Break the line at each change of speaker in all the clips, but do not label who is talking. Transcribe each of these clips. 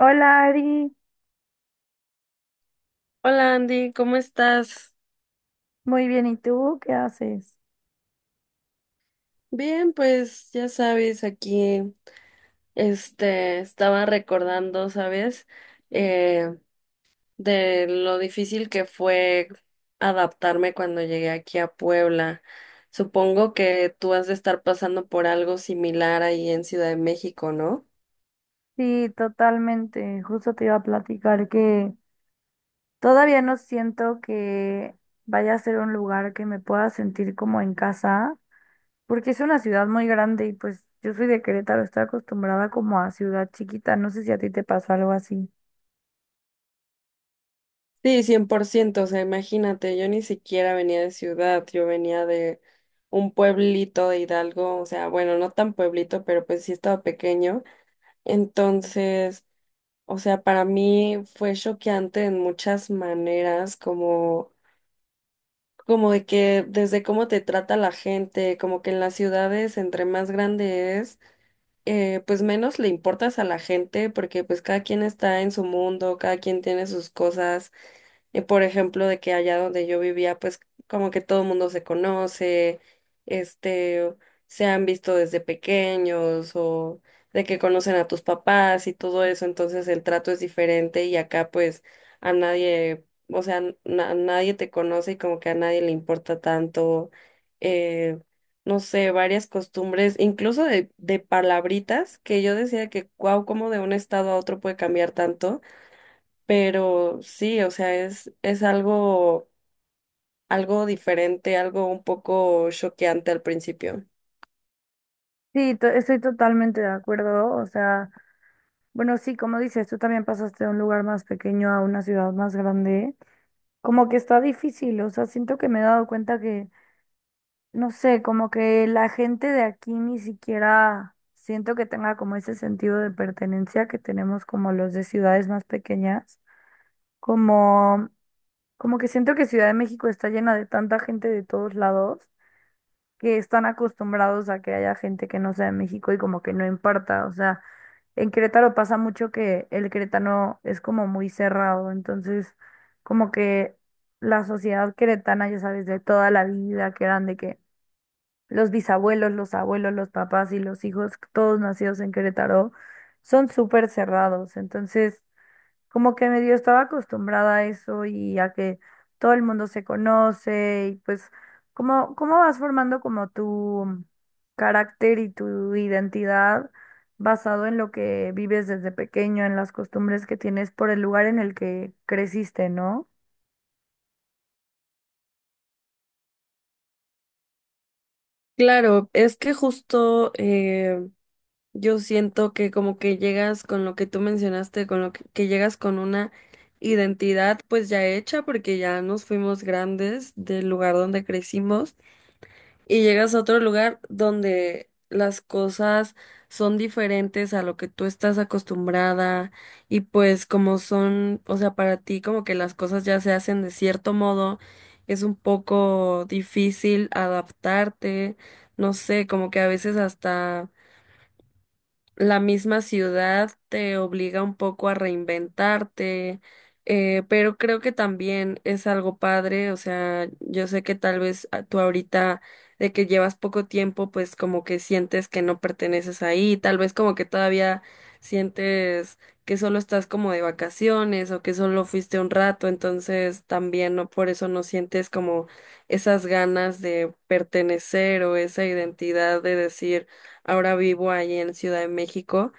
Hola Ari,
Hola Andy, ¿cómo estás?
muy bien, ¿y tú qué haces?
Bien, pues ya sabes, aquí estaba recordando, ¿sabes? Eh, de lo difícil que fue adaptarme cuando llegué aquí a Puebla. Supongo que tú has de estar pasando por algo similar ahí en Ciudad de México, ¿no?
Sí, totalmente, justo te iba a platicar que todavía no siento que vaya a ser un lugar que me pueda sentir como en casa, porque es una ciudad muy grande y pues yo soy de Querétaro, estoy acostumbrada como a ciudad chiquita, no sé si a ti te pasó algo así.
Sí, cien por ciento. O sea, imagínate, yo ni siquiera venía de ciudad, yo venía de un pueblito de Hidalgo, o sea, bueno, no tan pueblito, pero pues sí estaba pequeño. Entonces, o sea, para mí fue choqueante en muchas maneras, como, como de que desde cómo te trata la gente, como que en las ciudades, entre más grande es, pues menos le importas a la gente porque pues cada quien está en su mundo, cada quien tiene sus cosas. Por ejemplo, de que allá donde yo vivía, pues como que todo el mundo se conoce, este, se han visto desde pequeños o de que conocen a tus papás y todo eso, entonces el trato es diferente y acá pues a nadie, o sea, nadie te conoce y como que a nadie le importa tanto. eh, no sé, varias costumbres, incluso de palabritas, que yo decía que, wow, cómo de un estado a otro puede cambiar tanto, pero sí, o sea, es algo, algo diferente, algo un poco choqueante al principio.
Sí, estoy totalmente de acuerdo, o sea, bueno, sí, como dices, tú también pasaste de un lugar más pequeño a una ciudad más grande, como que está difícil, o sea, siento que me he dado cuenta que no sé, como que la gente de aquí ni siquiera siento que tenga como ese sentido de pertenencia que tenemos como los de ciudades más pequeñas, como, como que siento que Ciudad de México está llena de tanta gente de todos lados que están acostumbrados a que haya gente que no sea de México y como que no importa, o sea, en Querétaro pasa mucho que el queretano es como muy cerrado, entonces como que la sociedad queretana, ya sabes, de toda la vida, que eran de que los bisabuelos, los abuelos, los papás y los hijos, todos nacidos en Querétaro, son súper cerrados. Entonces, como que medio estaba acostumbrada a eso y a que todo el mundo se conoce y pues, ¿cómo, cómo vas formando como tu carácter y tu identidad basado en lo que vives desde pequeño, en las costumbres que tienes por el lugar en el que creciste, ¿no?
Claro, es que justo yo siento que como que llegas con lo que tú mencionaste, con lo que llegas con una identidad pues ya hecha porque ya nos fuimos grandes del lugar donde crecimos y llegas a otro lugar donde las cosas son diferentes a lo que tú estás acostumbrada y pues como son, o sea, para ti como que las cosas ya se hacen de cierto modo, es un poco difícil adaptarte, no sé, como que a veces hasta la misma ciudad te obliga un poco a reinventarte, pero creo que también es algo padre, o sea, yo sé que tal vez tú ahorita de que llevas poco tiempo, pues como que sientes que no perteneces ahí, tal vez como que todavía sientes que solo estás como de vacaciones o que solo fuiste un rato, entonces también no por eso no sientes como esas ganas de pertenecer o esa identidad de decir ahora vivo ahí en Ciudad de México,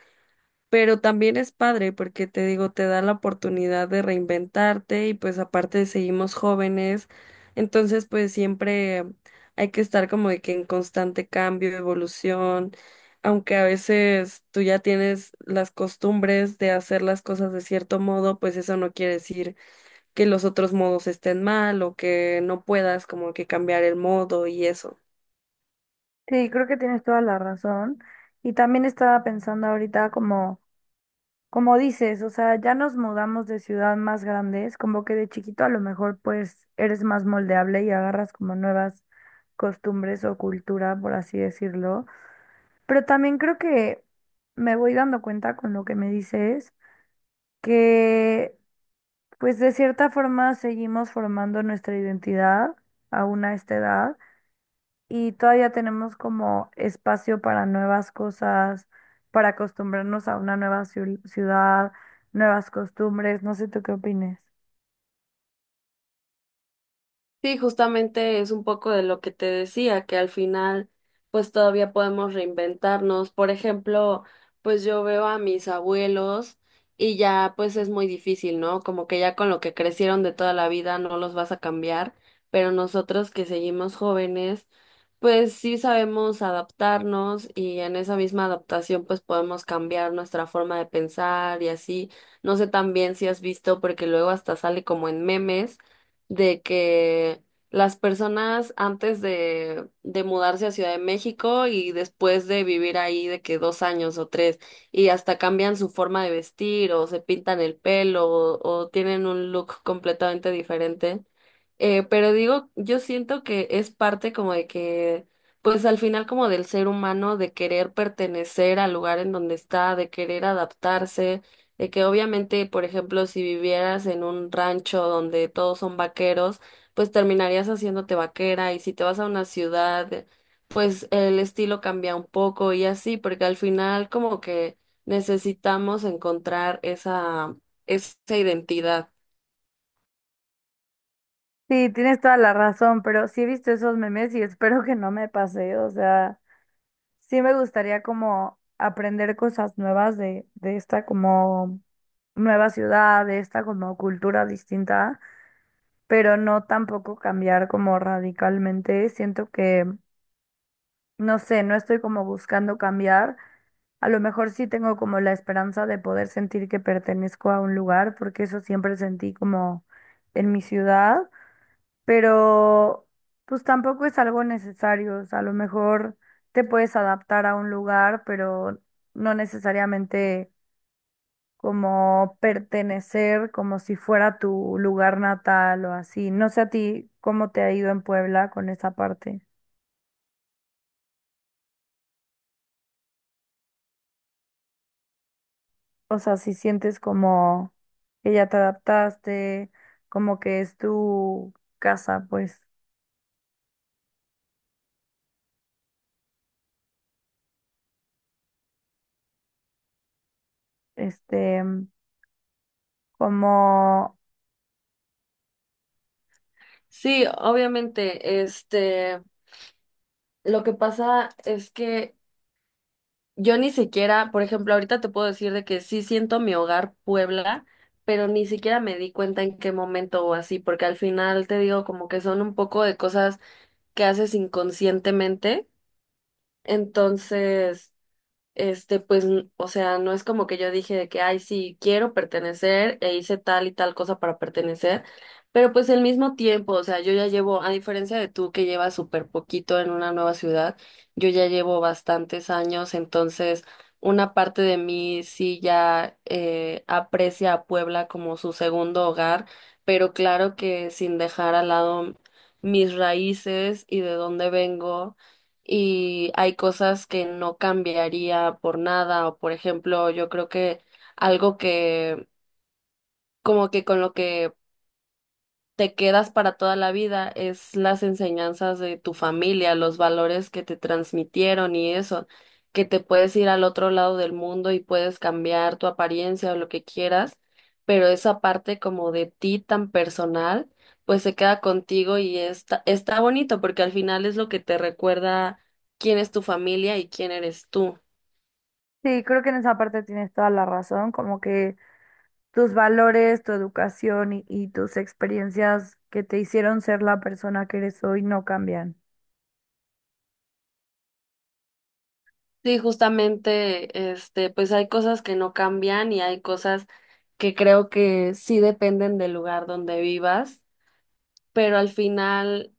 pero también es padre porque te digo, te da la oportunidad de reinventarte y pues aparte seguimos jóvenes, entonces pues siempre hay que estar como de que en constante cambio, evolución, aunque a veces tú ya tienes las costumbres de hacer las cosas de cierto modo, pues eso no quiere decir que los otros modos estén mal o que no puedas como que cambiar el modo y eso.
Sí, creo que tienes toda la razón. Y también estaba pensando ahorita como... Como dices, o sea, ya nos mudamos de ciudad más grandes, como que de chiquito a lo mejor pues eres más moldeable y agarras como nuevas costumbres o cultura, por así decirlo. Pero también creo que me voy dando cuenta con lo que me dices, que pues de cierta forma seguimos formando nuestra identidad aún a esta edad y todavía tenemos como espacio para nuevas cosas, para acostumbrarnos a una nueva ciudad, nuevas costumbres, no sé tú qué opines.
Sí, justamente es un poco de lo que te decía, que al final pues todavía podemos reinventarnos. Por ejemplo, pues yo veo a mis abuelos y ya pues es muy difícil, ¿no? Como que ya con lo que crecieron de toda la vida no los vas a cambiar, pero nosotros que seguimos jóvenes, pues sí sabemos adaptarnos y en esa misma adaptación pues podemos cambiar nuestra forma de pensar y así. No sé también si has visto, porque luego hasta sale como en memes de que las personas antes de mudarse a Ciudad de México y después de vivir ahí de que dos años o tres y hasta cambian su forma de vestir o se pintan el pelo o tienen un look completamente diferente. Pero digo, yo siento que es parte como de que, pues al final como del ser humano, de querer pertenecer al lugar en donde está, de querer adaptarse de que obviamente, por ejemplo, si vivieras en un rancho donde todos son vaqueros, pues terminarías haciéndote vaquera y si te vas a una ciudad, pues el estilo cambia un poco y así, porque al final como que necesitamos encontrar esa, esa identidad.
Sí, tienes toda la razón, pero sí he visto esos memes y espero que no me pase, o sea, sí me gustaría como aprender cosas nuevas de esta como nueva ciudad, de esta como cultura distinta, pero no tampoco cambiar como radicalmente, siento que, no sé, no estoy como buscando cambiar. A lo mejor sí tengo como la esperanza de poder sentir que pertenezco a un lugar, porque eso siempre sentí como en mi ciudad, pero pues tampoco es algo necesario. O sea, a lo mejor te puedes adaptar a un lugar, pero no necesariamente como pertenecer, como si fuera tu lugar natal o así. No sé a ti cómo te ha ido en Puebla con esa parte. O sea, si sientes como que ya te adaptaste, como que es tu casa, pues, este, como,
Sí, obviamente, lo que pasa es que yo ni siquiera, por ejemplo, ahorita te puedo decir de que sí siento mi hogar Puebla, pero ni siquiera me di cuenta en qué momento o así, porque al final te digo como que son un poco de cosas que haces inconscientemente. Entonces, pues, o sea, no es como que yo dije de que, ay, sí, quiero pertenecer e hice tal y tal cosa para pertenecer, pero pues al mismo tiempo, o sea, yo ya llevo, a diferencia de tú que llevas súper poquito en una nueva ciudad, yo ya llevo bastantes años, entonces una parte de mí sí ya aprecia a Puebla como su segundo hogar, pero claro que sin dejar al lado mis raíces y de dónde vengo y hay cosas que no cambiaría por nada, o por ejemplo, yo creo que algo que como que con lo que te quedas para toda la vida, es las enseñanzas de tu familia, los valores que te transmitieron y eso, que te puedes ir al otro lado del mundo y puedes cambiar tu apariencia o lo que quieras, pero esa parte como de ti tan personal, pues se queda contigo y está bonito porque al final es lo que te recuerda quién es tu familia y quién eres tú.
sí, creo que en esa parte tienes toda la razón, como que tus valores, tu educación y tus experiencias que te hicieron ser la persona que eres hoy no cambian.
Sí, justamente, pues hay cosas que no cambian y hay cosas que creo que sí dependen del lugar donde vivas pero al final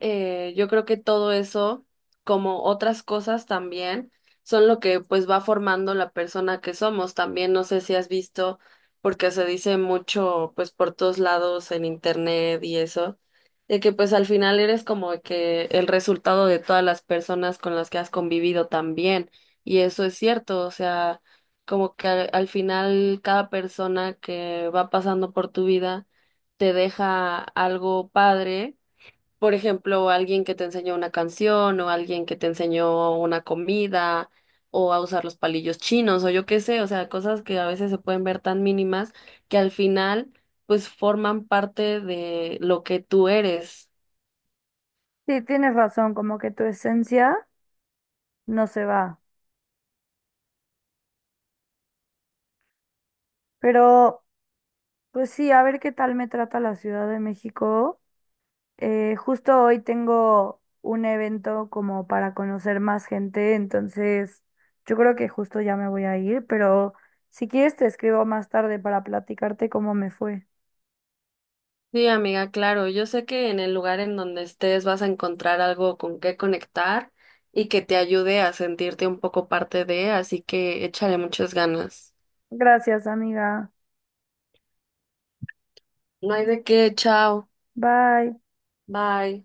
yo creo que todo eso, como otras cosas también, son lo que pues va formando la persona que somos. También no sé si has visto, porque se dice mucho pues por todos lados en internet y eso, de que pues al final eres como que el resultado de todas las personas con las que has convivido también. Y eso es cierto, o sea, como que al final cada persona que va pasando por tu vida te deja algo padre. Por ejemplo, alguien que te enseñó una canción o alguien que te enseñó una comida o a usar los palillos chinos o yo qué sé, o sea, cosas que a veces se pueden ver tan mínimas que al final pues forman parte de lo que tú eres.
Sí, tienes razón, como que tu esencia no se va. Pero, pues sí, a ver qué tal me trata la Ciudad de México. Justo hoy tengo un evento como para conocer más gente, entonces yo creo que justo ya me voy a ir, pero si quieres te escribo más tarde para platicarte cómo me fue.
Sí, amiga, claro, yo sé que en el lugar en donde estés vas a encontrar algo con qué conectar y que te ayude a sentirte un poco parte de, así que échale muchas ganas.
Gracias, amiga.
No hay de qué, chao,
Bye.
bye.